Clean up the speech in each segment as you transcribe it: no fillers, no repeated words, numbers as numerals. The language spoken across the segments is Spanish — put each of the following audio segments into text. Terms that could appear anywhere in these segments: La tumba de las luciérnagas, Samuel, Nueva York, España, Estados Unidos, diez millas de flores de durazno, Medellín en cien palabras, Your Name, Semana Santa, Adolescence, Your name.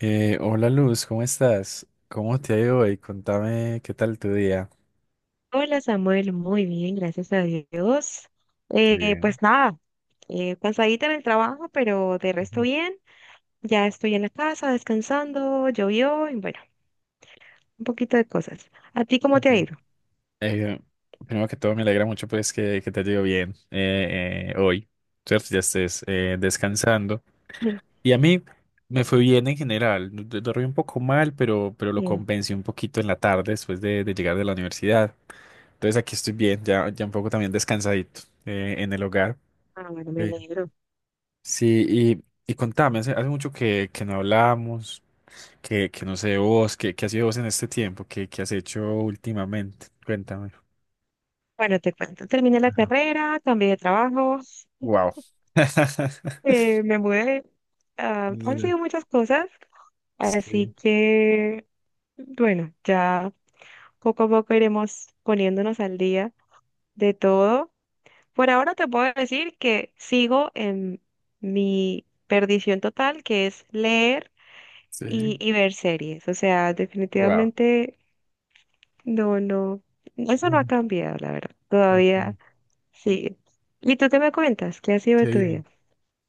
Hola Luz, ¿cómo estás? ¿Cómo te ha ido hoy? Contame qué tal tu día. Hola Samuel, muy bien, gracias a Dios. Bien. Pues nada, cansadita en el trabajo, pero de resto Ujú, bien. Ya estoy en la casa descansando, llovió y bueno, un poquito de cosas. ¿A ti cómo ok. te ha ido? Eh, Primero que todo, me alegra mucho pues que te ha ido bien hoy, ¿cierto? Ya estés descansando. Mm, Y a mí me fue bien en general. Dormí un poco mal, pero lo bien. compensé un poquito en la tarde después de llegar de la universidad. Entonces aquí estoy bien, ya un poco también descansadito en el hogar. Ah, bueno, me Sí. alegro. Sí, y contame, hace mucho que no hablamos. Que no sé vos, ¿ qué has sido vos en este tiempo? ¿ qué has hecho últimamente? Cuéntame. Bueno, te cuento. Terminé la carrera, cambié de trabajo, Wow. Me mudé. Ah, han sido muchas cosas, así Sí, que bueno, ya poco a poco iremos poniéndonos al día de todo. Por ahora te puedo decir que sigo en mi perdición total, que es leer y, sí. y ver series. O sea, Wow. definitivamente no, no, eso no ha cambiado, la verdad. Okay, Todavía sí. ¿Y tú te me cuentas? ¿Qué ha sido de qué tu bien. vida?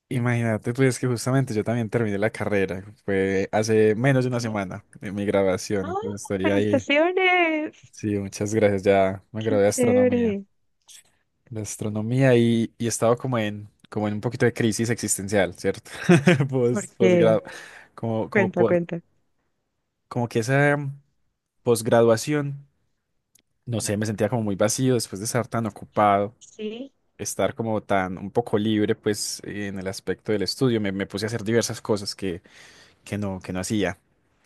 Imagínate, pues que justamente yo también terminé la carrera. Fue hace menos de una Sí. semana de mi graduación. ¡Ah! Entonces estoy ahí. ¡Felicitaciones! Sí, muchas gracias. Ya me ¡Qué gradué de astronomía. chévere! De astronomía y he estado como en, como en un poquito de crisis existencial, ¿cierto? ¿Por qué? Posgrado. Como, como Cuenta, po- cuenta. Como que esa posgraduación, no sé, me sentía como muy vacío después de estar tan ocupado, Sí. estar como tan un poco libre, pues en el aspecto del estudio, me puse a hacer diversas cosas que no hacía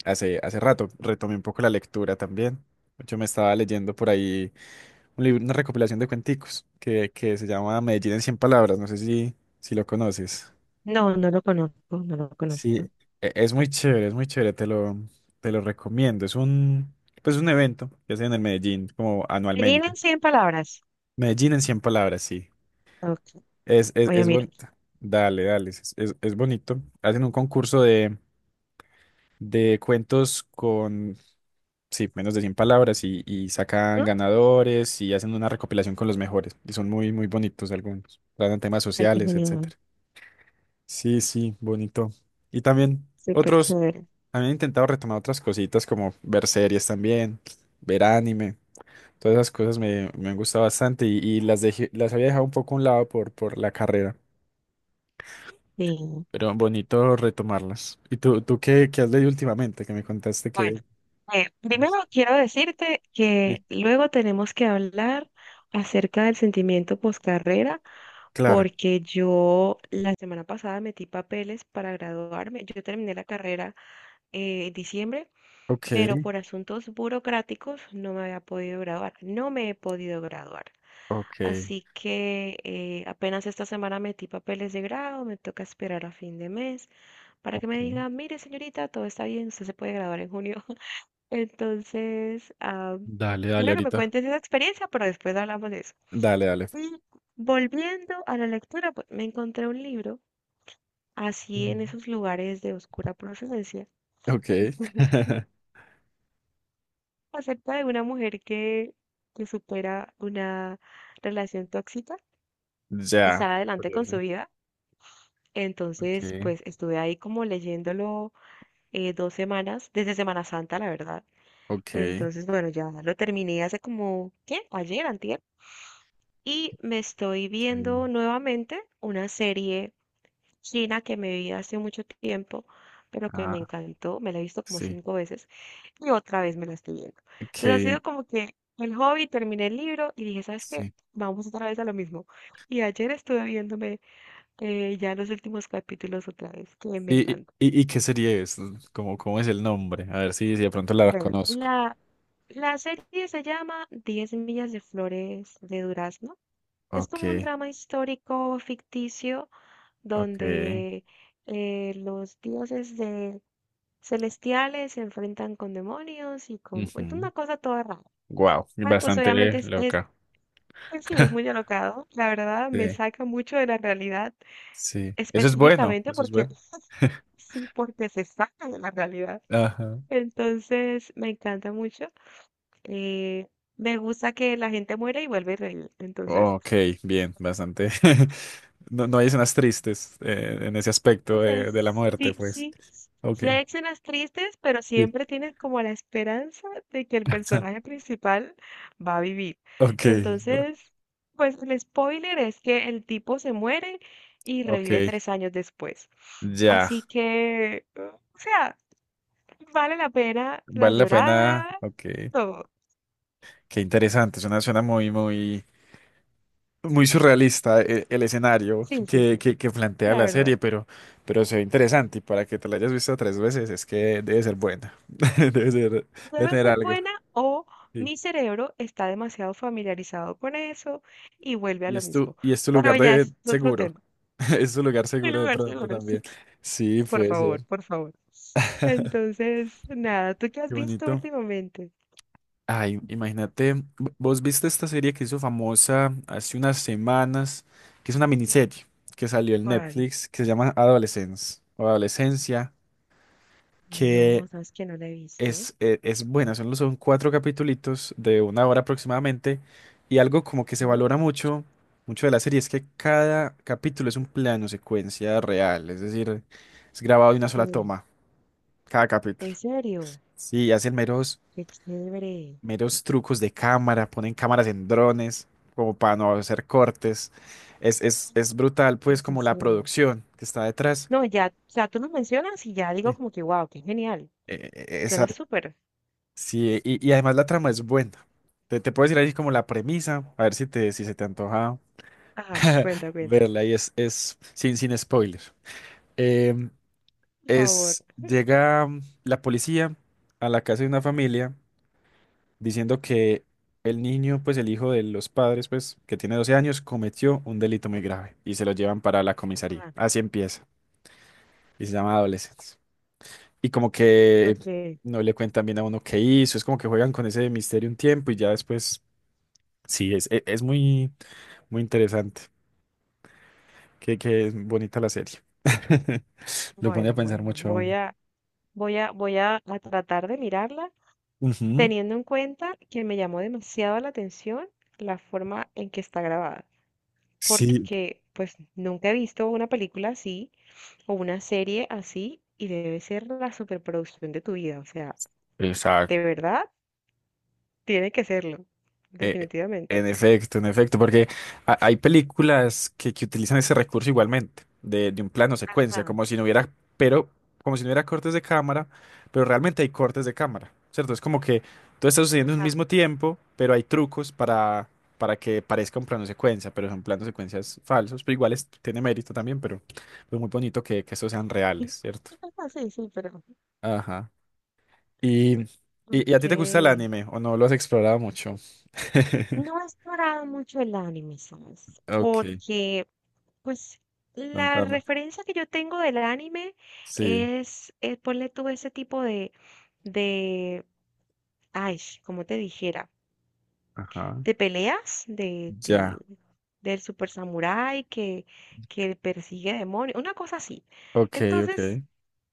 hace rato. Retomé un poco la lectura también. Yo me estaba leyendo por ahí un libro, una recopilación de cuenticos que se llama Medellín en cien palabras, no sé si, si lo conoces. No, no lo conozco, no lo Sí, conozco. Es muy chévere, te lo recomiendo. Pues un evento que hacen en el Medellín, como Gallina en anualmente. 100 palabras. Medellín en cien palabras, sí. Ok, voy a Es mirar. bonito. Dale, dale, es bonito. Hacen un concurso de cuentos con, sí, menos de 100 palabras y sacan ¿No? ganadores y hacen una recopilación con los mejores. Y son muy, muy bonitos algunos. Tratan temas Ay, qué sociales, genial. etc. Sí, sí, bonito. Y también Súper otros, chévere. han intentado retomar otras cositas como ver series también, ver anime, todas esas cosas me han gustado bastante y las dejé, las había dejado un poco a un lado por la carrera, Sí. pero bonito retomarlas. ¿Y tú qué, qué has leído últimamente? Que me contaste Bueno, que... primero quiero decirte Sí. que luego tenemos que hablar acerca del sentimiento poscarrera, Claro, porque yo la semana pasada metí papeles para graduarme. Yo terminé la carrera en diciembre, ok, pero por asuntos burocráticos no me había podido graduar. No me he podido graduar. ok, Así que apenas esta semana metí papeles de grado, me toca esperar a fin de mes para que me ok. digan, mire señorita, todo está bien, usted se puede graduar en junio. Entonces, ah, Dale, dale quiero que me ahorita. cuentes esa experiencia, pero después hablamos de eso. Dale, dale. Y volviendo a la lectura, pues me encontré un libro, así en Ujú. esos lugares de oscura procedencia, Ok. acerca de una mujer que supera una relación tóxica y Ya. sale adelante con su Curioso. vida. Entonces, Ok, pues estuve ahí como leyéndolo dos semanas, desde Semana Santa, la verdad. ok. Entonces, bueno, ya lo terminé hace como, ¿qué? Ayer, antier. Y me estoy Sí. viendo nuevamente una serie china que me vi hace mucho tiempo, pero que me Ah, encantó, me la he visto como sí. cinco veces y otra vez me la estoy viendo. Entonces ha Que sido como que el hobby, terminé el libro y dije, ¿sabes qué? sí. Vamos otra vez a lo mismo. Y ayer estuve viéndome ya los últimos capítulos otra vez, que me encanta. Y qué serie es? ¿Cómo, cómo es el nombre? A ver si, si de pronto la Bueno, conozco. la serie se llama diez millas de flores de durazno. Es Ok, como un drama histórico ficticio ok. donde los dioses celestiales se enfrentan con demonios y con es una cosa toda rara. Wow, Ah, pues bastante obviamente loca. pues sí, es muy alocado, la verdad me Sí. saca mucho de la realidad, Sí. Eso es bueno, específicamente eso es porque bueno. sí, porque se saca de la realidad. Ajá. Entonces me encanta mucho. eh, me gusta que la gente muere y vuelve a reír. Entonces... Ok, bien, bastante. No, no hay escenas tristes en ese O aspecto sea, de la muerte, sí, pues. sí, Ok, sí hay escenas tristes, pero sí. siempre tienes como la esperanza de que el personaje principal va a vivir. Ok, claro. Entonces, pues el spoiler es que el tipo se muere y Ok, revive tres años después. ya. Así que, o sea, vale la pena la Vale la pena. llorada, Ok. todo. Qué interesante, suena, suena muy, muy, muy surrealista el, escenario Sí, sí, sí, que plantea la la verdad. serie, pero se ve interesante y para que te la hayas visto tres veces es que debe ser buena, debe ser, debe Debe tener ser algo. buena o Sí. mi cerebro está demasiado familiarizado con eso y vuelve a Y lo es tu, mismo. y es tu Pero lugar ya de es otro seguro, tema. es tu lugar El seguro de lugar pronto seguro, también. sí. Sí, Por puede ser. favor, por favor. Entonces, nada, ¿tú qué has Qué visto bonito. últimamente? Ay, imagínate, vos viste esta serie que hizo famosa hace unas semanas, que es una miniserie que salió en ¿Cuál? Netflix, que se llama Adolescence o Adolescencia, No, que sabes que no la he visto. es, es buena, son, son cuatro capitulitos de una hora aproximadamente, y algo como que se ¿No? valora mucho, mucho de la serie es que cada capítulo es un plano secuencia real, es decir, es grabado de una Ok. sola toma, cada ¿En capítulo. serio? Sí, hacen Qué chévere. meros trucos de cámara, ponen cámaras en drones, como para no hacer cortes. Es brutal, Me pues, como la fascina. producción que está detrás. No, ya, o sea, tú lo mencionas y ya digo Sí. como que, wow, qué genial. Eh, eh, esa, Suena súper. sí, y además la trama es buena. Te puedo decir ahí como la premisa, a ver si te, si se te antoja Ajá, cuenta, cuenta. verla y es sin, sin spoiler. Em, Por favor. es, llega la policía a la casa de una familia diciendo que el niño, pues el hijo de los padres, pues que tiene 12 años, cometió un delito muy grave y se lo llevan para la comisaría. Ah, Así empieza. Y se llama Adolescence. Y como que ok. no le cuentan bien a uno qué hizo, es como que juegan con ese misterio un tiempo y ya después, sí, es, es muy, muy interesante. Qué, qué bonita la serie. Lo pone a Bueno, pensar bueno, mucho a voy uno. a, voy a, voy a, a tratar de mirarla, Ujú. teniendo en cuenta que me llamó demasiado la atención la forma en que está grabada, Sí. porque pues nunca he visto una película así o una serie así y debe ser la superproducción de tu vida, o sea, de verdad tiene que serlo, Eh, definitivamente. en efecto, en efecto, porque hay películas que utilizan ese recurso igualmente, de un plano secuencia, Ajá, como si no hubiera, pero como si no hubiera cortes de cámara, pero realmente hay cortes de cámara, ¿cierto? Es como que todo está sucediendo en un ajá. mismo tiempo, pero hay trucos para que parezca un plano secuencia, pero son planos secuencias falsos, pero igual tiene mérito también, pero es muy bonito que estos sean reales, ¿cierto? Sí, sí, pero... Ajá. Y, y, ¿Y a Ok. ti te gusta el anime o no lo has explorado mucho? No he explorado mucho el anime, ¿sabes? Ok, Porque pues la contame. referencia que yo tengo del anime Sí, es, ponle tú ese tipo de, de, ay, como te dijera, ajá, de peleas, ya. del super samurái que persigue demonios, una cosa así. Ok, ok, Entonces,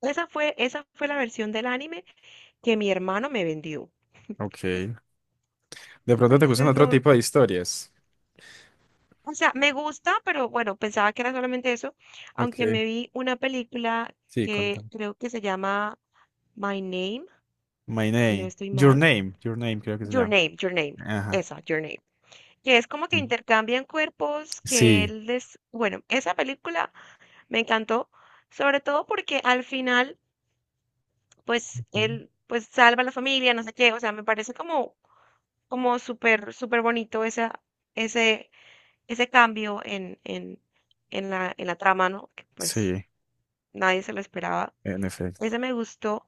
esa fue la versión del anime que mi hermano me vendió. ok. De pronto te gustan Entonces, otro no, tipo de historias. o sea, me gusta, pero bueno, pensaba que era solamente eso, aunque Ok. me vi una película Sí, que contame. creo que se llama My Name My si no name. estoy Your mal, name. Your name, creo que se Your llama. Name, Your Name, Ajá. esa, Your Name, que es como que intercambian cuerpos, que Sí, él les, bueno, esa película me encantó, sobre todo porque al final, pues ujú, él, pues salva a la familia, no sé qué, o sea, me parece como súper, súper bonito ese, ese cambio en la trama, ¿no? Que pues sí, nadie se lo esperaba. en efecto. Ese me gustó.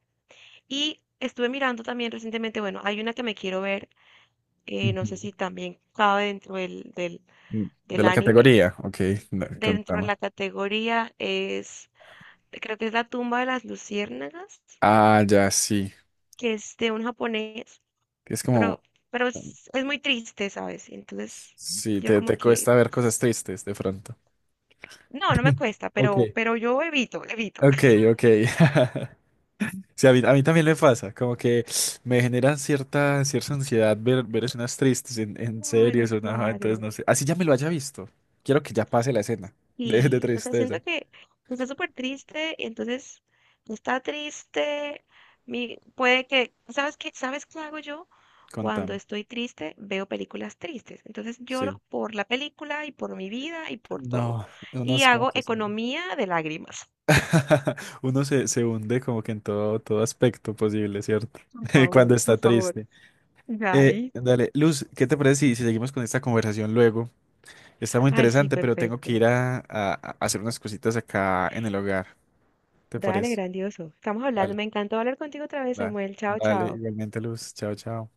Y estuve mirando también recientemente, bueno, hay una que me quiero ver no sé Ujú. si también cabe dentro del, del, De del la anime. categoría, ok, no, Dentro de contame. la categoría es, creo que es La tumba de las luciérnagas, Ah, ya, sí. que es de un japonés, Es pero, como, pero es muy triste, ¿sabes? Entonces, sí, yo como te que, cuesta ver cosas tristes de pronto. no, no me cuesta, Ok, pero yo evito, evito. ok, ok. Sí, a a mí también me pasa, como que me generan cierta, cierta ansiedad ver, ver escenas tristes en Claro, series o nada, entonces claro. no sé. Así ya me lo haya visto. Quiero que ya pase la escena de Y, o sea, tristeza. siento que pues, está súper triste y entonces está triste. Puede que, ¿sabes qué? ¿Sabes qué hago yo? Cuando Contame. estoy triste, veo películas tristes. Entonces Sí. lloro por la película y por mi vida y por todo. No, uno Y es como hago que se... economía de lágrimas. Uno se hunde como que en todo, todo aspecto posible, ¿cierto? Por favor, Cuando está por favor. triste. Ay, Dale, Luz, ¿qué te parece si seguimos con esta conversación luego? Está muy ay, sí, interesante, pero tengo que perfecto. ir a hacer unas cositas acá en el hogar. ¿Te Dale, parece? grandioso. Estamos hablando. Dale. Me encantó hablar contigo otra vez, Da- Samuel. Chao, Dale, chao. igualmente, Luz. Chao, chao.